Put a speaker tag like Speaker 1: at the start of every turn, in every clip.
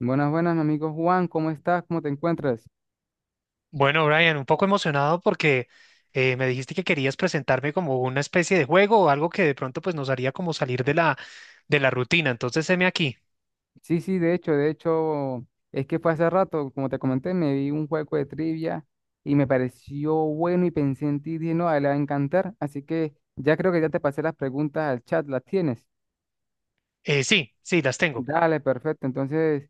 Speaker 1: Buenas, buenas, mi amigo Juan, ¿cómo estás? ¿Cómo te encuentras?
Speaker 2: Bueno, Brian, un poco emocionado porque me dijiste que querías presentarme como una especie de juego o algo que de pronto pues nos haría como salir de la rutina. Entonces, heme aquí.
Speaker 1: Sí, sí, de hecho, es que fue hace rato, como te comenté, me vi un juego de trivia y me pareció bueno y pensé en ti, dije, no, a él le va a encantar, así que ya creo que ya te pasé las preguntas al chat, ¿las tienes?
Speaker 2: Sí, sí, las tengo.
Speaker 1: Dale, perfecto, entonces,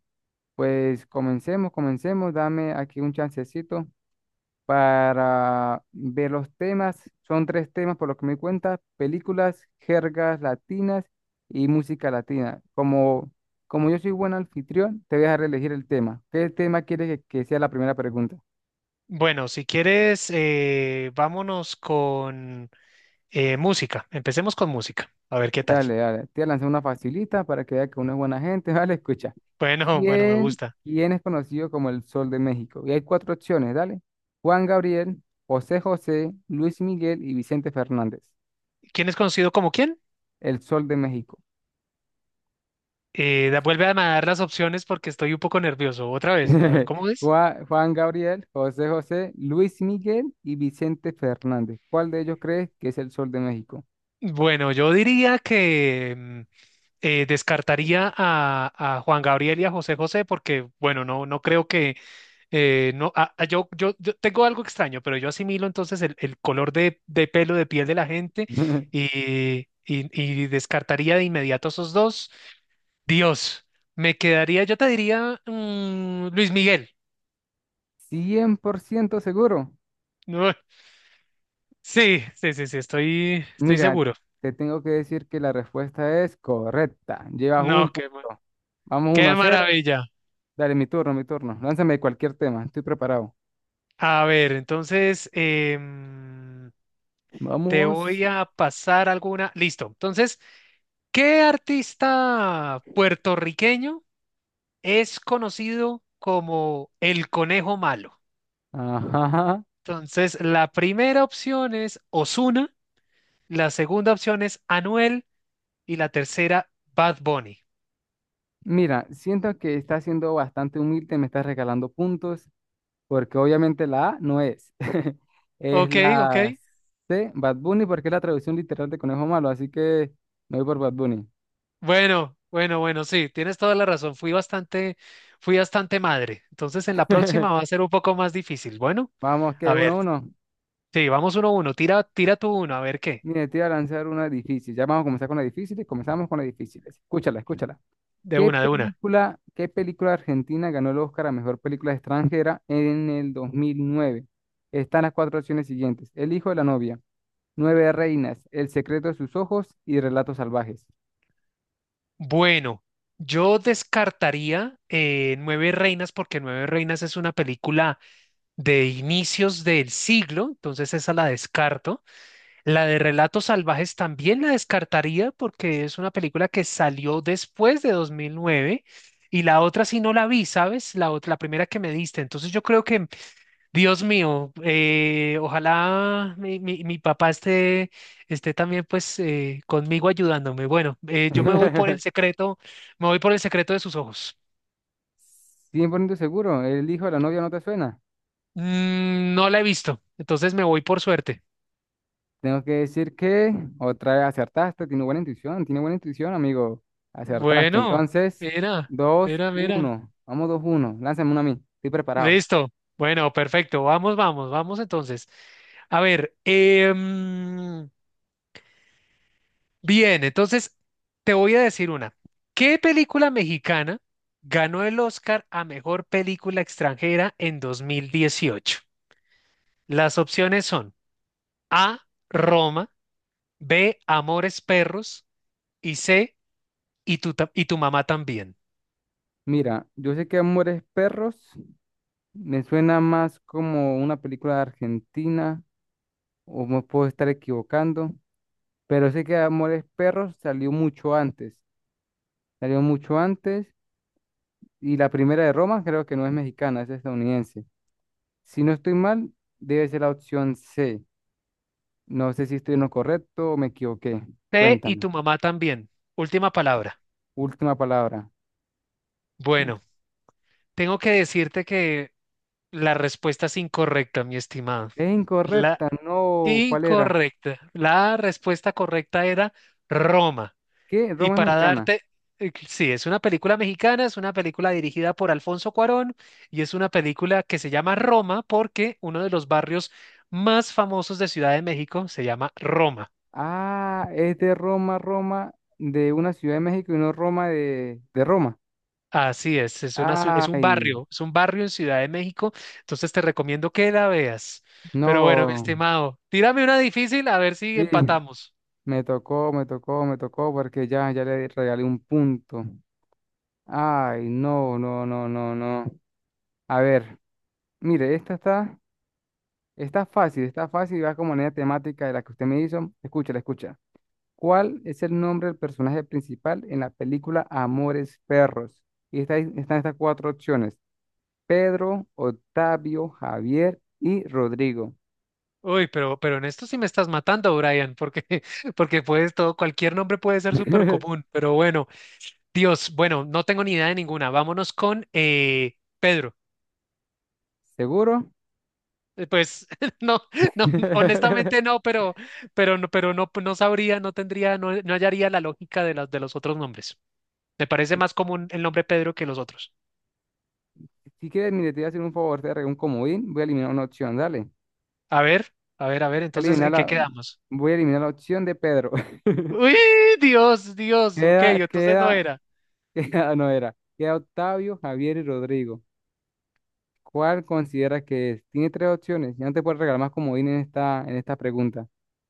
Speaker 1: pues comencemos, comencemos, dame aquí un chancecito para ver los temas. Son tres temas por lo que me di cuenta, películas, jergas latinas y música latina. Como, como yo soy buen anfitrión, te voy a dejar elegir el tema. ¿Qué tema quieres que sea la primera pregunta?
Speaker 2: Bueno, si quieres, vámonos con música. Empecemos con música. A ver qué tal.
Speaker 1: Dale, dale. Te voy a lanzar una facilita para que veas que uno es buena gente. Vale, escucha.
Speaker 2: Bueno, bueno, me
Speaker 1: ¿Quién,
Speaker 2: gusta.
Speaker 1: quién es conocido como el Sol de México? Y hay cuatro opciones, dale. Juan Gabriel, José José, Luis Miguel y Vicente Fernández.
Speaker 2: ¿Quién es conocido como quién?
Speaker 1: El Sol de México.
Speaker 2: Vuelve a dar las opciones porque estoy un poco nervioso. Otra vez, a ver cómo es.
Speaker 1: Juan, Juan Gabriel, José José, Luis Miguel y Vicente Fernández. ¿Cuál de ellos crees que es el Sol de México?
Speaker 2: Bueno, yo diría que descartaría a Juan Gabriel y a José José porque, bueno, no creo que, no, a- yo tengo algo extraño, pero yo asimilo entonces el color de pelo, de piel de la gente y descartaría de inmediato esos dos. Dios, me quedaría, yo te diría Luis Miguel.
Speaker 1: 100% seguro.
Speaker 2: No, sí, sí, sí, sí, estoy
Speaker 1: Mira,
Speaker 2: seguro.
Speaker 1: te tengo que decir que la respuesta es correcta. Llevas un
Speaker 2: No, qué,
Speaker 1: punto. Vamos uno
Speaker 2: qué
Speaker 1: a cero.
Speaker 2: maravilla.
Speaker 1: Dale, mi turno, mi turno. Lánzame cualquier tema. Estoy preparado.
Speaker 2: A ver, entonces te
Speaker 1: Vamos.
Speaker 2: voy a pasar alguna. Listo. Entonces, ¿qué artista puertorriqueño es conocido como el conejo malo?
Speaker 1: Ajá.
Speaker 2: Entonces, la primera opción es Ozuna, la segunda opción es Anuel y la tercera Bad Bunny.
Speaker 1: Mira, siento que estás siendo bastante humilde, me estás regalando puntos porque obviamente la A no es. Es
Speaker 2: Ok, ok.
Speaker 1: la C, Bad Bunny, porque es la traducción literal de Conejo Malo, así que me voy por Bad Bunny.
Speaker 2: Bueno, bueno, bueno, sí, tienes toda la razón. Fui bastante madre. Entonces, en la próxima va a ser un poco más difícil. Bueno,
Speaker 1: Vamos, que
Speaker 2: a
Speaker 1: uno, a
Speaker 2: ver.
Speaker 1: uno.
Speaker 2: Sí, vamos uno a uno. Tira, tira tú uno, a ver qué.
Speaker 1: Mire, te voy a lanzar una difícil. Ya vamos a comenzar con las difíciles. Comenzamos con las difíciles. Escúchala, escúchala.
Speaker 2: De una, de una.
Speaker 1: Qué película argentina ganó el Oscar a mejor película extranjera en el 2009? Están las cuatro opciones siguientes: El hijo de la novia, Nueve reinas, El secreto de sus ojos y Relatos salvajes.
Speaker 2: Bueno, yo descartaría Nueve Reinas porque Nueve Reinas es una película de inicios del siglo, entonces esa la descarto. La de Relatos Salvajes también la descartaría porque es una película que salió después de 2009 y la otra sí no la vi, ¿sabes? La primera que me diste. Entonces yo creo que Dios mío, ojalá mi papá esté, esté también pues conmigo ayudándome. Bueno, yo me voy por el secreto, me voy por el secreto de sus ojos.
Speaker 1: 100% seguro, el hijo de la novia no te suena.
Speaker 2: Mm, no la he visto, entonces me voy por suerte.
Speaker 1: Tengo que decir que otra vez acertaste, tiene buena intuición, amigo. Acertaste.
Speaker 2: Bueno,
Speaker 1: Entonces,
Speaker 2: mira,
Speaker 1: dos
Speaker 2: mira, mira.
Speaker 1: uno. Vamos 2-1. Lánzame una a mí. Estoy preparado.
Speaker 2: Listo. Bueno, perfecto. Vamos, vamos, vamos entonces. A ver, bien, entonces te voy a decir una. ¿Qué película mexicana ganó el Oscar a mejor película extranjera en 2018? Las opciones son A, Roma, B, Amores Perros y C, y tu mamá también.
Speaker 1: Mira, yo sé que Amores Perros me suena más como una película de Argentina, o me puedo estar equivocando, pero sé que Amores Perros salió mucho antes. Salió mucho antes, y la primera de Roma creo que no es mexicana, es estadounidense. Si no estoy mal, debe ser la opción C. No sé si estoy en lo correcto o me equivoqué.
Speaker 2: C, y
Speaker 1: Cuéntame.
Speaker 2: tu mamá también. Última palabra.
Speaker 1: Última palabra. Ul-
Speaker 2: Bueno, tengo que decirte que la respuesta es incorrecta, mi estimado.
Speaker 1: Es
Speaker 2: La
Speaker 1: incorrecta, no. ¿Cuál era?
Speaker 2: incorrecta. La respuesta correcta era Roma.
Speaker 1: ¿Qué?
Speaker 2: Y
Speaker 1: Roma es
Speaker 2: para
Speaker 1: mexicana.
Speaker 2: darte, sí, es una película mexicana, es una película dirigida por Alfonso Cuarón y es una película que se llama Roma porque uno de los barrios más famosos de Ciudad de México se llama Roma.
Speaker 1: Ah, es de Roma, Roma, de una ciudad de México y no Roma de Roma.
Speaker 2: Así es,
Speaker 1: Ay,
Speaker 2: es un barrio en Ciudad de México, entonces te recomiendo que la veas. Pero bueno, mi
Speaker 1: no.
Speaker 2: estimado, tírame una difícil a ver si
Speaker 1: Sí,
Speaker 2: empatamos.
Speaker 1: me tocó, me tocó, me tocó porque ya, ya le regalé un punto. Ay, no, no, no, no, no. A ver, mire, esta está. Está fácil y va como manera temática de la que usted me hizo. Escúchala, escucha. ¿Cuál es el nombre del personaje principal en la película Amores Perros? Y está, ahí- están estas cuatro opciones: Pedro, Octavio, Javier y Rodrigo.
Speaker 2: Uy, pero en esto sí me estás matando, Brian, porque, porque puedes todo, cualquier nombre puede ser súper común, pero bueno. Dios, bueno, no tengo ni idea de ninguna. Vámonos con Pedro.
Speaker 1: ¿Seguro?
Speaker 2: Pues no, no, honestamente no, pero no, no sabría, no tendría, no, no hallaría la lógica de las de los otros nombres. Me parece más común el nombre Pedro que los otros.
Speaker 1: Si quieres, mire, te voy a hacer un favor, te voy a regalar un comodín. Voy a eliminar una opción, dale.
Speaker 2: A ver, a ver, a ver,
Speaker 1: A
Speaker 2: entonces,
Speaker 1: eliminar
Speaker 2: ¿en qué
Speaker 1: la,
Speaker 2: quedamos?
Speaker 1: voy a eliminar la opción de Pedro.
Speaker 2: Uy, Dios, Dios, ok,
Speaker 1: Queda,
Speaker 2: entonces no
Speaker 1: queda,
Speaker 2: era.
Speaker 1: queda, no era. Queda Octavio, Javier y Rodrigo. ¿Cuál considera que es? Tiene tres opciones. Ya no te puedo regalar más comodín en esta pregunta.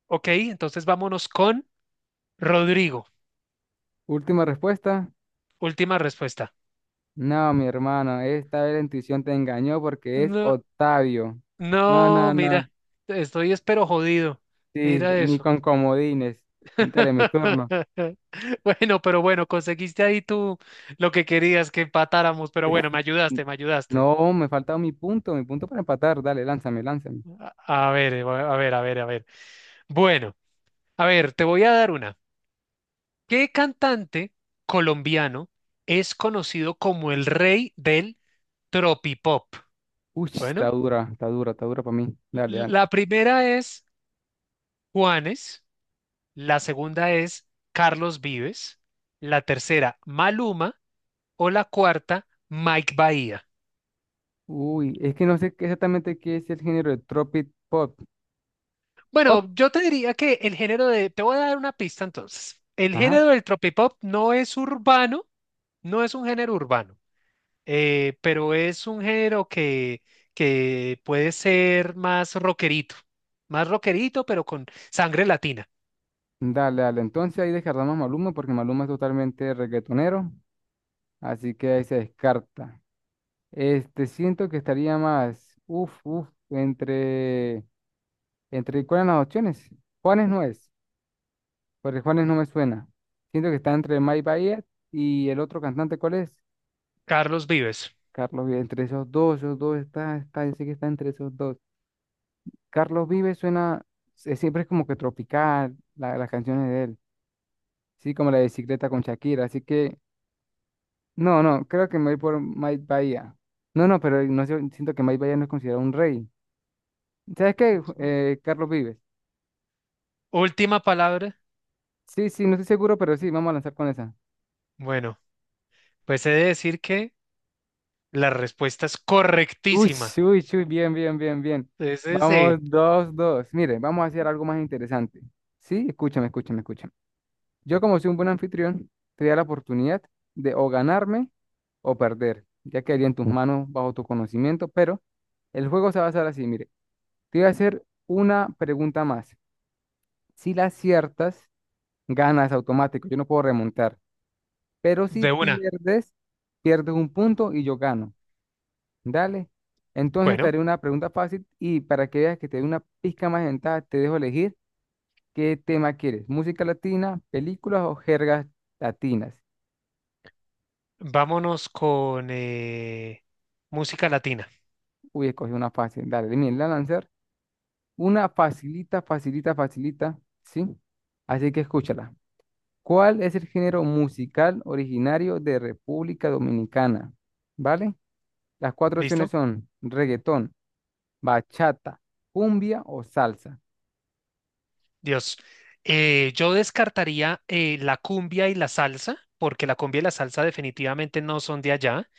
Speaker 2: Ok, entonces vámonos con Rodrigo.
Speaker 1: Última respuesta.
Speaker 2: Última respuesta.
Speaker 1: No, mi hermano, esta vez la intuición te engañó porque es
Speaker 2: No,
Speaker 1: Octavio. No,
Speaker 2: no,
Speaker 1: no, no.
Speaker 2: mira, estoy espero jodido.
Speaker 1: Sí,
Speaker 2: Mira
Speaker 1: ni
Speaker 2: eso.
Speaker 1: con comodines. Dale, mi turno.
Speaker 2: Bueno, pero bueno, conseguiste ahí tú lo que querías que empatáramos, pero bueno, me ayudaste, me ayudaste.
Speaker 1: No, me falta mi punto para empatar. Dale, lánzame, lánzame.
Speaker 2: A ver, a ver, a ver. Bueno, a ver, te voy a dar una. ¿Qué cantante colombiano es conocido como el rey del tropipop?
Speaker 1: Uy, está
Speaker 2: Bueno,
Speaker 1: dura, está dura, está dura para mí. Dale, dale.
Speaker 2: la primera es Juanes, la segunda es Carlos Vives, la tercera Maluma o la cuarta Mike Bahía.
Speaker 1: Uy, es que no sé qué- exactamente qué es el género de Tropic Pop. ¿Pop?
Speaker 2: Bueno, yo te diría que el género de... Te voy a dar una pista entonces. El
Speaker 1: Ajá.
Speaker 2: género del tropipop no es urbano, no es un género urbano, pero es un género que puede ser más rockerito, pero con sangre latina.
Speaker 1: Dale, dale. Entonces ahí descartamos a Maluma porque Maluma es totalmente reggaetonero. Así que ahí se descarta. Este, siento que estaría más, uff, uff, entre, ¿cuáles son las opciones? Juanes no es, porque Juanes no me suena. Siento que está entre Mike Bahía y el otro cantante, ¿cuál es?
Speaker 2: Carlos Vives.
Speaker 1: Carlos Vives, entre esos dos está, está, yo sé que está entre esos dos. Carlos Vives suena, se- siempre es como que tropical, la- las canciones de él. Sí, como la de bicicleta con Shakira, así que no, no, creo que me voy por Mike Bahía. No, no, pero no sé, siento que Mike Bahía no es considerado un rey. ¿Sabes qué? Ju-
Speaker 2: Ujú.
Speaker 1: Carlos Vives.
Speaker 2: Última palabra.
Speaker 1: Sí, sí, no estoy seguro, pero sí, vamos a lanzar con esa.
Speaker 2: Bueno, pues he de decir que la respuesta es
Speaker 1: Uy,
Speaker 2: correctísima.
Speaker 1: uy, uy, bien, bien, bien, bien.
Speaker 2: Entonces,
Speaker 1: Vamos, 2-2. Mire, vamos a hacer algo más interesante. Sí, escúchame, escúchame, escúchame. Yo, como soy un buen anfitrión, te da la oportunidad de o ganarme o perder. Ya quedaría en tus manos bajo tu conocimiento, pero el juego se va a hacer así, mire. Te voy a hacer una pregunta más. Si la aciertas, ganas automático. Yo no puedo remontar. Pero si
Speaker 2: de una.
Speaker 1: pierdes, pierdes un punto y yo gano. Dale. Entonces te
Speaker 2: Bueno,
Speaker 1: haré una pregunta fácil y para que veas que te dé una pizca más de ventaja, te dejo elegir qué tema quieres. ¿Música latina, películas o jergas latinas?
Speaker 2: vámonos con música latina.
Speaker 1: Uy, escogí una fácil. Dale, miren, la lanzar. Una facilita, facilita, facilita. ¿Sí? Así que escúchala. ¿Cuál es el género musical originario de República Dominicana? ¿Vale? Las cuatro opciones
Speaker 2: ¿Listo?
Speaker 1: son reggaetón, bachata, cumbia o salsa.
Speaker 2: Dios. Yo descartaría la cumbia y la salsa, porque la cumbia y la salsa definitivamente no son de allá.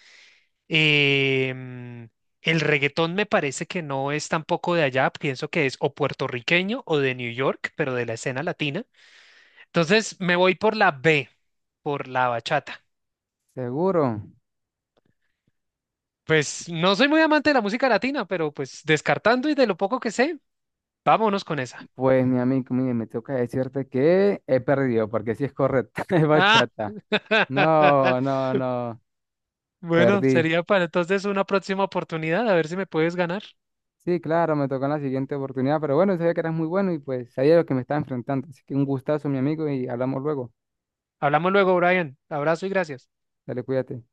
Speaker 2: Em, el reggaetón me parece que no es tampoco de allá, pienso que es o puertorriqueño o de New York, pero de la escena latina. Entonces me voy por la B, por la bachata.
Speaker 1: ¿Seguro?
Speaker 2: Pues no soy muy amante de la música latina, pero pues descartando y de lo poco que sé, vámonos con esa.
Speaker 1: Pues mi amigo, mire, me toca decirte que he perdido, porque si es correcta, es
Speaker 2: Ah.
Speaker 1: bachata. No, no, no,
Speaker 2: Bueno,
Speaker 1: perdí.
Speaker 2: sería para entonces una próxima oportunidad, a ver si me puedes ganar.
Speaker 1: Sí, claro, me tocó en la siguiente oportunidad, pero bueno, sabía que eras muy bueno y pues sabía lo que me estaba enfrentando. Así que un gustazo, mi amigo, y hablamos luego.
Speaker 2: Hablamos luego, Brian. Abrazo y gracias.
Speaker 1: Dale, cuídate.